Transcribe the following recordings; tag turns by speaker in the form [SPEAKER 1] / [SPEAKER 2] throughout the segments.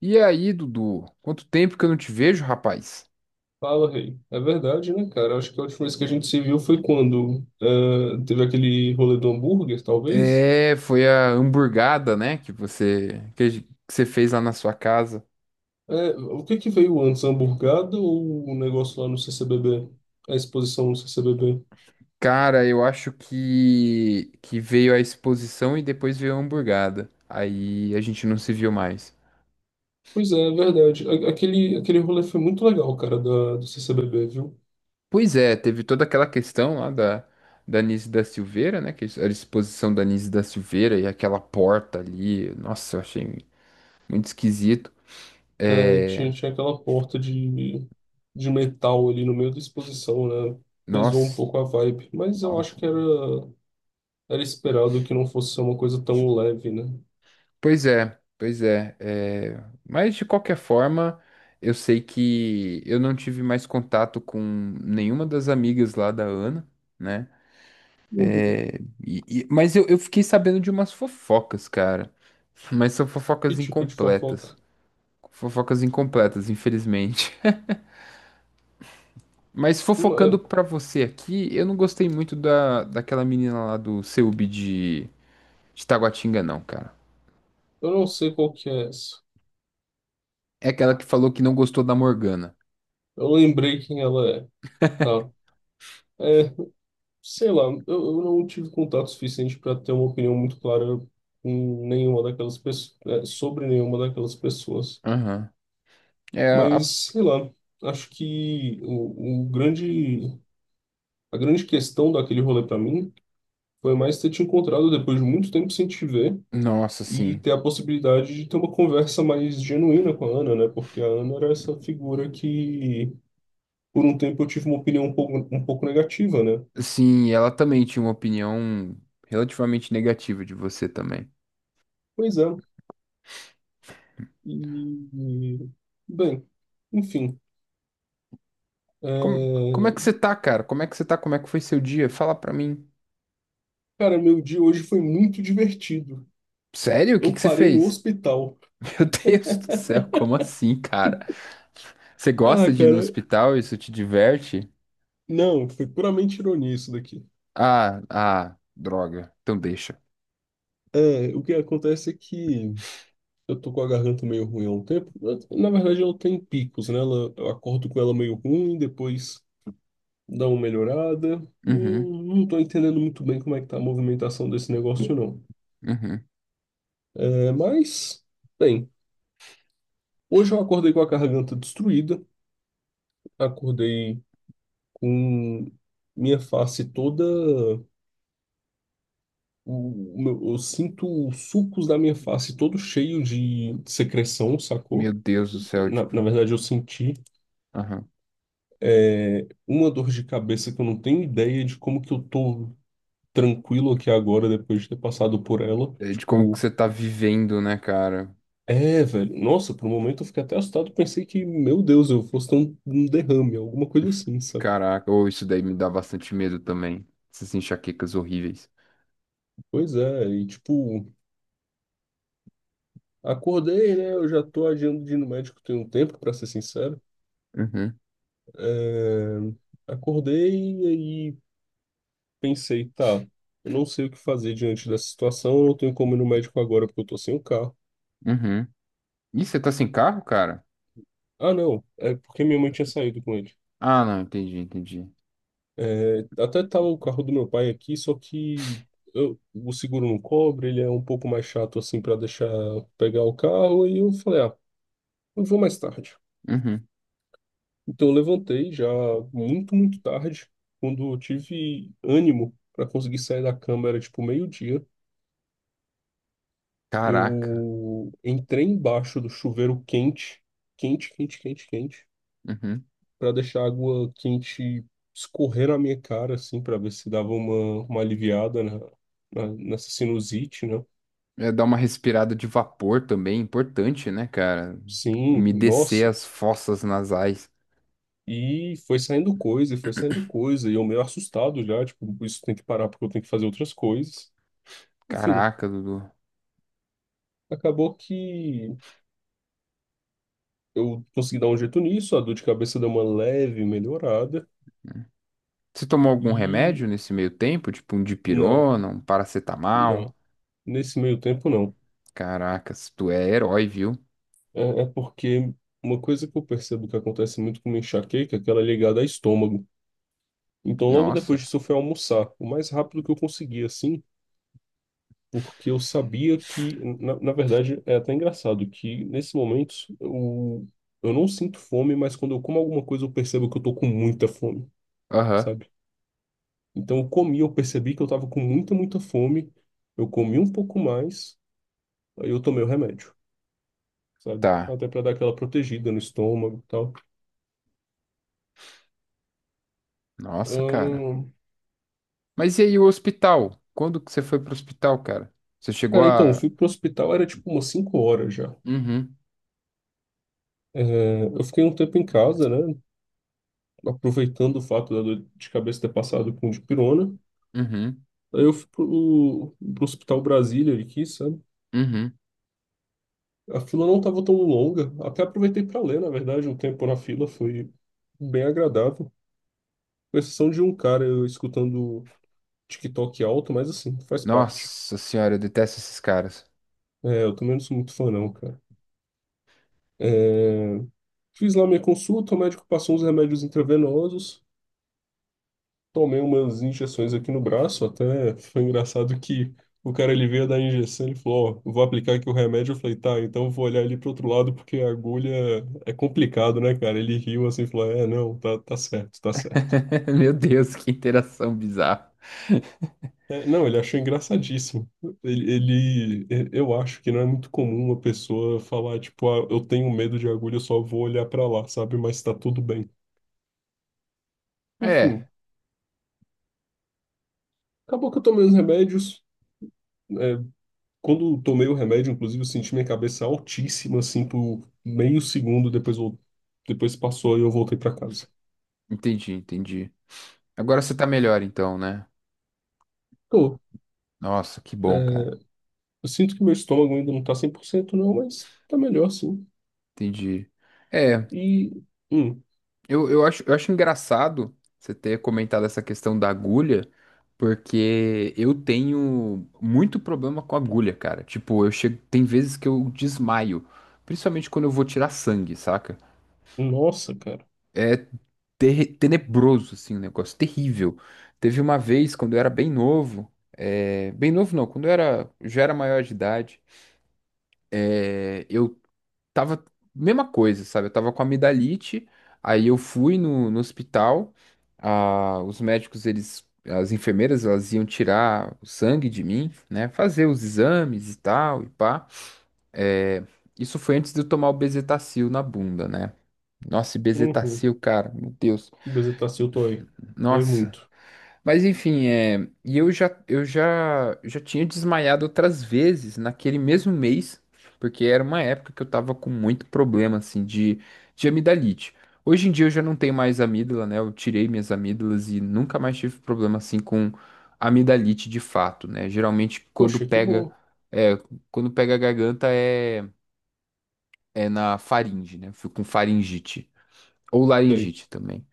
[SPEAKER 1] E aí, Dudu? Quanto tempo que eu não te vejo, rapaz?
[SPEAKER 2] Fala, Rei. É verdade, né, cara? Acho que a última vez que a gente se viu foi quando teve aquele rolê do hambúrguer, talvez.
[SPEAKER 1] É, foi a hamburgada, né, que você que, a gen- que você fez lá na sua casa.
[SPEAKER 2] É, o que que veio antes, a hamburgada ou o negócio lá no CCBB? A exposição no CCBB?
[SPEAKER 1] Cara, eu acho que veio a exposição e depois veio a hamburgada. Aí a gente não se viu mais.
[SPEAKER 2] Pois é, é verdade. Aquele rolê foi muito legal, cara, do CCBB, viu?
[SPEAKER 1] Pois é, teve toda aquela questão lá da Nise da Silveira, né, que era a exposição da Nise da Silveira e aquela porta ali. Nossa, eu achei muito esquisito.
[SPEAKER 2] É,
[SPEAKER 1] É,
[SPEAKER 2] tinha aquela porta de metal ali no meio da exposição, né? Pesou um
[SPEAKER 1] nossa,
[SPEAKER 2] pouco a vibe, mas eu acho
[SPEAKER 1] nossa.
[SPEAKER 2] que era esperado que não fosse ser uma coisa tão leve, né?
[SPEAKER 1] Pois é, é, mas de qualquer forma, eu sei que eu não tive mais contato com nenhuma das amigas lá da Ana, né? Mas eu fiquei sabendo de umas fofocas, cara. Mas são
[SPEAKER 2] Que
[SPEAKER 1] fofocas
[SPEAKER 2] tipo de
[SPEAKER 1] incompletas.
[SPEAKER 2] fofoca?
[SPEAKER 1] Fofocas incompletas, infelizmente. Mas fofocando
[SPEAKER 2] Uma-
[SPEAKER 1] pra você aqui, eu não gostei muito daquela menina lá do CEUB de Taguatinga, não, cara.
[SPEAKER 2] Eu não sei qual que é essa.
[SPEAKER 1] É aquela que falou que não gostou da Morgana.
[SPEAKER 2] Eu lembrei quem ela é. Tá. É, Sei lá, eu não tive contato suficiente para ter uma opinião muito clara com nenhuma daquelas pessoas, sobre nenhuma daquelas pessoas.
[SPEAKER 1] Aham. É a
[SPEAKER 2] Mas, sei lá, acho que a grande questão daquele rolê para mim foi mais ter te encontrado depois de muito tempo sem te ver
[SPEAKER 1] Nossa,
[SPEAKER 2] e
[SPEAKER 1] sim.
[SPEAKER 2] ter a possibilidade de ter uma conversa mais genuína com a Ana, né? Porque a Ana era essa figura que por um tempo eu tive uma opinião um pouco negativa, né?
[SPEAKER 1] Sim, ela também tinha uma opinião relativamente negativa de você também.
[SPEAKER 2] Pois é. E, bem, enfim.
[SPEAKER 1] Como,
[SPEAKER 2] é,
[SPEAKER 1] como é que você tá, cara? Como é que você tá? Como é que foi seu dia? Fala pra mim.
[SPEAKER 2] Cara, meu dia hoje foi muito divertido.
[SPEAKER 1] Sério? O que
[SPEAKER 2] Eu
[SPEAKER 1] que você
[SPEAKER 2] parei no
[SPEAKER 1] fez?
[SPEAKER 2] hospital.
[SPEAKER 1] Meu Deus do céu, como assim, cara? Você
[SPEAKER 2] Ah,
[SPEAKER 1] gosta de ir no
[SPEAKER 2] cara,
[SPEAKER 1] hospital? Isso te diverte?
[SPEAKER 2] não, foi puramente ironia isso daqui.
[SPEAKER 1] Ah, ah, droga. Então deixa.
[SPEAKER 2] É, o que acontece é que eu tô com a garganta meio ruim há um tempo. Na verdade, ela tem picos, né? Eu acordo com ela meio ruim, depois dá uma melhorada. Não,
[SPEAKER 1] Uhum,
[SPEAKER 2] não tô entendendo muito bem como é que tá a movimentação desse negócio, não.
[SPEAKER 1] uhum.
[SPEAKER 2] É, mas, bem. Hoje eu acordei com a garganta destruída, acordei com minha face toda. O, eu sinto os sucos da minha face todo cheio de secreção,
[SPEAKER 1] Meu
[SPEAKER 2] sacou?
[SPEAKER 1] Deus do céu,
[SPEAKER 2] Na,
[SPEAKER 1] tipo,
[SPEAKER 2] na verdade, eu senti
[SPEAKER 1] aham.
[SPEAKER 2] uma dor de cabeça que eu não tenho ideia de como que eu tô tranquilo aqui agora depois de ter passado por ela.
[SPEAKER 1] É de como que
[SPEAKER 2] Tipo,
[SPEAKER 1] você tá vivendo, né, cara?
[SPEAKER 2] velho, nossa, por um momento eu fiquei até assustado, pensei que, meu Deus, eu fosse ter um derrame, alguma coisa assim, sabe?
[SPEAKER 1] Caraca, ou isso daí me dá bastante medo também. Essas enxaquecas horríveis.
[SPEAKER 2] Pois é, e tipo. Acordei, né? Eu já tô adiando de ir no médico tem um tempo, para ser sincero.
[SPEAKER 1] Uhum,
[SPEAKER 2] É, Acordei e aí pensei, tá, eu não sei o que fazer diante dessa situação, eu não tenho como ir no médico agora porque eu tô sem o carro.
[SPEAKER 1] uhum. Ih, você tá sem carro, cara?
[SPEAKER 2] Ah, não, é porque minha mãe tinha saído com ele.
[SPEAKER 1] Ah, não, entendi, entendi.
[SPEAKER 2] Até tava o carro do meu pai aqui, só que o seguro não cobre, ele é um pouco mais chato assim para deixar pegar o carro, e eu falei, ah, eu vou mais tarde.
[SPEAKER 1] Uhum.
[SPEAKER 2] Então eu levantei já muito, muito tarde, quando eu tive ânimo para conseguir sair da cama, era tipo meio-dia.
[SPEAKER 1] Caraca.
[SPEAKER 2] Eu entrei embaixo do chuveiro quente, quente, quente, quente, quente,
[SPEAKER 1] Uhum.
[SPEAKER 2] para deixar a água quente escorrer na minha cara, assim, para ver se dava uma aliviada na, nessa sinusite, né?
[SPEAKER 1] É dar uma respirada de vapor também, importante, né, cara?
[SPEAKER 2] Sim,
[SPEAKER 1] Umedecer
[SPEAKER 2] nossa.
[SPEAKER 1] as fossas nasais.
[SPEAKER 2] E foi saindo coisa, e foi saindo coisa, e eu meio assustado já, tipo, isso tem que parar porque eu tenho que fazer outras coisas. Enfim.
[SPEAKER 1] Caraca, Dudu.
[SPEAKER 2] Acabou que eu consegui dar um jeito nisso, a dor de cabeça deu uma leve melhorada
[SPEAKER 1] Você tomou algum
[SPEAKER 2] e
[SPEAKER 1] remédio nesse meio tempo? Tipo um
[SPEAKER 2] não,
[SPEAKER 1] dipirona, um paracetamol?
[SPEAKER 2] não, nesse meio tempo não.
[SPEAKER 1] Caracas, tu é herói, viu?
[SPEAKER 2] É porque uma coisa que eu percebo que acontece muito com uma enxaqueca é que ela é ligada ao estômago. Então logo depois
[SPEAKER 1] Nossa.
[SPEAKER 2] disso eu fui almoçar, o mais rápido que eu consegui assim, porque eu sabia que, na verdade é até engraçado que nesses momentos eu não sinto fome, mas quando eu como alguma coisa eu percebo que eu tô com muita fome.
[SPEAKER 1] Aham,
[SPEAKER 2] Sabe? Então eu comi, eu percebi que eu tava com muita, muita fome. Eu comi um pouco mais, aí eu tomei o remédio, sabe?
[SPEAKER 1] tá.
[SPEAKER 2] Até para dar aquela protegida no estômago e tal.
[SPEAKER 1] Nossa, cara.
[SPEAKER 2] Ahn,
[SPEAKER 1] Mas e aí o hospital? Quando que você foi pro hospital, cara? Você chegou
[SPEAKER 2] Cara, então, eu
[SPEAKER 1] a...
[SPEAKER 2] fui pro hospital, era tipo umas 5 horas já.
[SPEAKER 1] Uhum.
[SPEAKER 2] É, eu fiquei um tempo em casa, né? Aproveitando o fato da dor de cabeça ter passado com dipirona.
[SPEAKER 1] Uhum.
[SPEAKER 2] Aí eu fui pro Hospital Brasília aqui, sabe?
[SPEAKER 1] Uhum.
[SPEAKER 2] A fila não tava tão longa. Até aproveitei para ler, na verdade, um tempo na fila foi bem agradável. Com exceção de um cara eu escutando TikTok alto, mas assim, faz parte.
[SPEAKER 1] Nossa senhora, eu detesto esses caras.
[SPEAKER 2] É, eu também não sou muito fã, não, cara. É, fiz lá minha consulta, o médico passou uns remédios intravenosos, tomei umas injeções aqui no braço, até foi engraçado que o cara ele veio dar a injeção, ele falou, ó, vou aplicar aqui o remédio, eu falei, tá, então eu vou olhar ali pro outro lado porque a agulha é complicado, né, cara? Ele riu assim, falou, é, não, tá, tá certo, tá certo.
[SPEAKER 1] Meu Deus, que interação bizarra.
[SPEAKER 2] É, não, ele achou engraçadíssimo. Eu acho que não é muito comum uma pessoa falar, tipo, ah, eu tenho medo de agulha, eu só vou olhar pra lá, sabe? Mas tá tudo bem.
[SPEAKER 1] É,
[SPEAKER 2] Enfim, acabou que eu tomei os remédios. É, quando eu tomei o remédio, inclusive, eu senti minha cabeça altíssima, assim, por meio segundo, depois, depois passou e eu voltei pra casa.
[SPEAKER 1] entendi, entendi. Agora você tá melhor então, né?
[SPEAKER 2] Tô.
[SPEAKER 1] Nossa, que
[SPEAKER 2] É,
[SPEAKER 1] bom, cara.
[SPEAKER 2] eu sinto que meu estômago ainda não tá 100%, não, mas tá melhor, sim.
[SPEAKER 1] Entendi. É,
[SPEAKER 2] E, hum,
[SPEAKER 1] eu acho, eu acho engraçado você ter comentado essa questão da agulha, porque eu tenho muito problema com agulha, cara. Tipo, eu chego, tem vezes que eu desmaio, principalmente quando eu vou tirar sangue, saca?
[SPEAKER 2] nossa, cara.
[SPEAKER 1] É tenebroso, assim, um negócio terrível. Teve uma vez, quando eu era bem novo, é, bem novo não, quando eu era, já era maior de idade, é, eu tava, mesma coisa, sabe? Eu tava com amidalite, aí eu fui no hospital, ah, os médicos, eles, as enfermeiras, elas iam tirar o sangue de mim, né? Fazer os exames e tal, e pá. É, isso foi antes de eu tomar o Bezetacil na bunda, né? Nossa, e
[SPEAKER 2] Uhum.
[SPEAKER 1] Bezetacil, cara, meu Deus.
[SPEAKER 2] Bezetacil dói. Dói
[SPEAKER 1] Nossa,
[SPEAKER 2] muito.
[SPEAKER 1] mas enfim, é, e eu já tinha desmaiado outras vezes naquele mesmo mês, porque era uma época que eu tava com muito problema, assim, de amidalite. Hoje em dia eu já não tenho mais amígdala, né? Eu tirei minhas amígdalas e nunca mais tive problema, assim, com amidalite de fato, né? Geralmente quando
[SPEAKER 2] Poxa, que
[SPEAKER 1] pega,
[SPEAKER 2] bom.
[SPEAKER 1] é, quando pega a garganta é, é na faringe, né? Eu fico com faringite. Ou
[SPEAKER 2] Sei.
[SPEAKER 1] laringite também.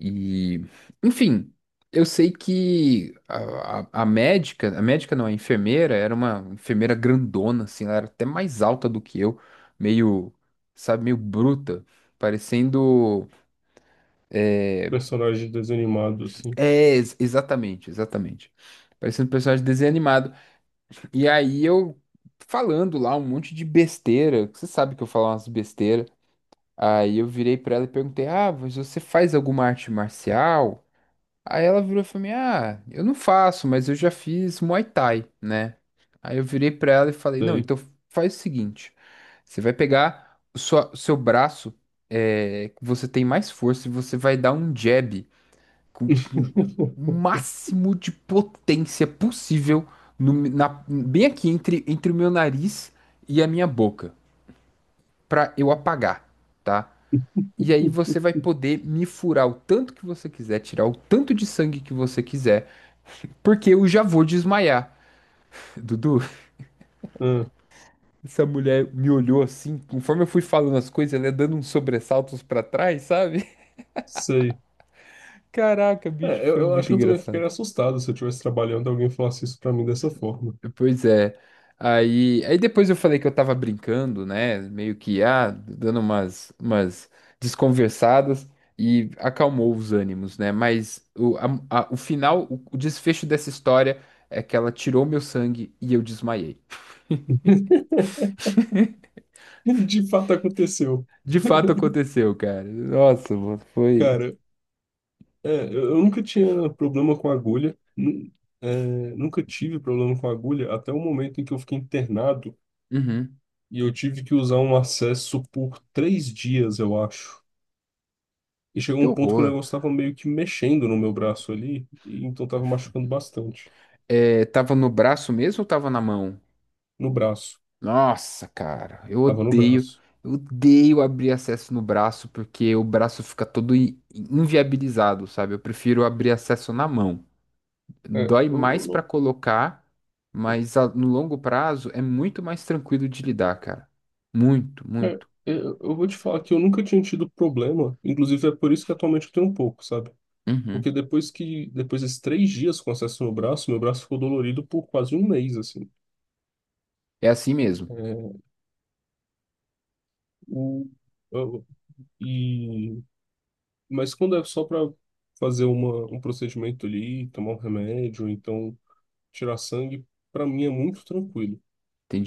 [SPEAKER 1] E, enfim, eu sei que a médica, a médica não, a enfermeira, era uma enfermeira grandona, assim, ela era até mais alta do que eu, meio, sabe, meio bruta, parecendo.
[SPEAKER 2] Personagem desanimado, assim.
[SPEAKER 1] É, exatamente, exatamente. Parecendo um personagem de desenho animado. E aí eu falando lá um monte de besteira, que você sabe que eu falo umas besteiras. Aí eu virei pra ela e perguntei: ah, mas você faz alguma arte marcial? Aí ela virou e falou assim: ah, eu não faço, mas eu já fiz Muay Thai, né? Aí eu virei pra ela e falei: não,
[SPEAKER 2] Sei.
[SPEAKER 1] então faz o seguinte: você vai pegar o seu braço, é, que você tem mais força, e você vai dar um jab com o máximo de potência possível, bem aqui entre, entre o meu nariz e a minha boca, pra eu apagar, tá? E aí você vai poder me furar o tanto que você quiser, tirar o tanto de sangue que você quiser. Porque eu já vou desmaiar. Dudu,
[SPEAKER 2] Ah,
[SPEAKER 1] essa mulher me olhou assim, conforme eu fui falando as coisas, ela ia dando uns sobressaltos pra trás, sabe?
[SPEAKER 2] sei.
[SPEAKER 1] Caraca, bicho,
[SPEAKER 2] É,
[SPEAKER 1] foi
[SPEAKER 2] eu acho
[SPEAKER 1] muito
[SPEAKER 2] que eu também
[SPEAKER 1] engraçado.
[SPEAKER 2] ficaria assustado se eu estivesse trabalhando e alguém falasse isso pra mim dessa forma.
[SPEAKER 1] Pois é. Aí depois eu falei que eu tava brincando, né? Meio que, ah, dando umas desconversadas e acalmou os ânimos, né? Mas o final, o desfecho dessa história é que ela tirou meu sangue e eu desmaiei.
[SPEAKER 2] De fato aconteceu.
[SPEAKER 1] De fato aconteceu, cara. Nossa, mano, foi.
[SPEAKER 2] Cara, eu nunca tinha problema com agulha. É, Nunca tive problema com agulha até o momento em que eu fiquei internado
[SPEAKER 1] Uhum.
[SPEAKER 2] e eu tive que usar um acesso por três dias, eu acho. E chegou
[SPEAKER 1] Que
[SPEAKER 2] um ponto que o
[SPEAKER 1] horror.
[SPEAKER 2] negócio estava meio que mexendo no meu braço ali, e então estava machucando bastante.
[SPEAKER 1] É, tava no braço mesmo ou tava na mão?
[SPEAKER 2] No braço.
[SPEAKER 1] Nossa, cara,
[SPEAKER 2] Tava no braço.
[SPEAKER 1] eu odeio abrir acesso no braço porque o braço fica todo inviabilizado, sabe? Eu prefiro abrir acesso na mão.
[SPEAKER 2] É,
[SPEAKER 1] Dói
[SPEAKER 2] eu
[SPEAKER 1] mais pra
[SPEAKER 2] não-
[SPEAKER 1] colocar, mas no longo prazo é muito mais tranquilo de lidar, cara. Muito,
[SPEAKER 2] é, é,
[SPEAKER 1] muito.
[SPEAKER 2] Eu vou te falar que eu nunca tinha tido problema. Inclusive, é por isso que atualmente eu tenho um pouco, sabe? Porque
[SPEAKER 1] Uhum.
[SPEAKER 2] depois que, depois desses três dias com acesso no braço, meu braço ficou dolorido por quase um mês, assim.
[SPEAKER 1] É assim mesmo.
[SPEAKER 2] É, o, eu- e, mas quando é só para fazer um procedimento ali, tomar um remédio, então tirar sangue, para mim é muito tranquilo.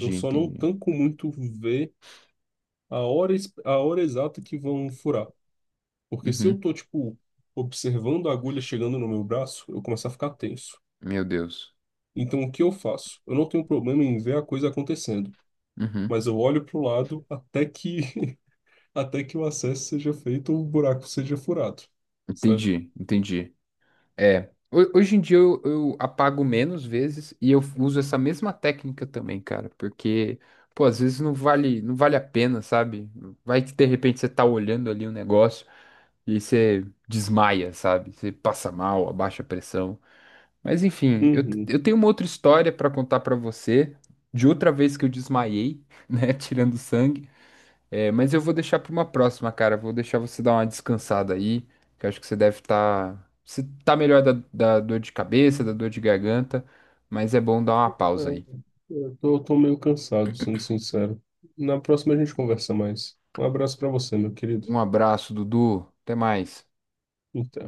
[SPEAKER 2] Eu só não
[SPEAKER 1] entendi.
[SPEAKER 2] tanco muito ver a hora exata que vão furar. Porque se eu
[SPEAKER 1] Uhum.
[SPEAKER 2] tô, tipo, observando a agulha chegando no meu braço, eu começo a ficar tenso.
[SPEAKER 1] Meu Deus.
[SPEAKER 2] Então, o que eu faço? Eu não tenho problema em ver a coisa acontecendo,
[SPEAKER 1] Uhum.
[SPEAKER 2] mas eu olho pro lado até que até que o acesso seja feito ou o buraco seja furado, sabe?
[SPEAKER 1] Entendi, entendi. É. Hoje em dia eu apago menos vezes e eu uso essa mesma técnica também, cara, porque, pô, às vezes não vale, não vale a pena, sabe? Vai que de repente você tá olhando ali um negócio e você desmaia, sabe? Você passa mal, abaixa a pressão. Mas enfim, eu,
[SPEAKER 2] Uhum.
[SPEAKER 1] eu tenho uma outra história pra contar pra você de outra vez que eu desmaiei, né, tirando sangue. É, mas eu vou deixar para uma próxima, cara. Vou deixar você dar uma descansada aí, que eu acho que você deve estar. Você tá melhor da, da dor de cabeça, da dor de garganta, mas é bom dar uma
[SPEAKER 2] É,
[SPEAKER 1] pausa aí.
[SPEAKER 2] eu tô meio cansado, sendo sincero. Na próxima a gente conversa mais. Um abraço pra você, meu querido.
[SPEAKER 1] Um abraço, Dudu. Até mais.
[SPEAKER 2] Até.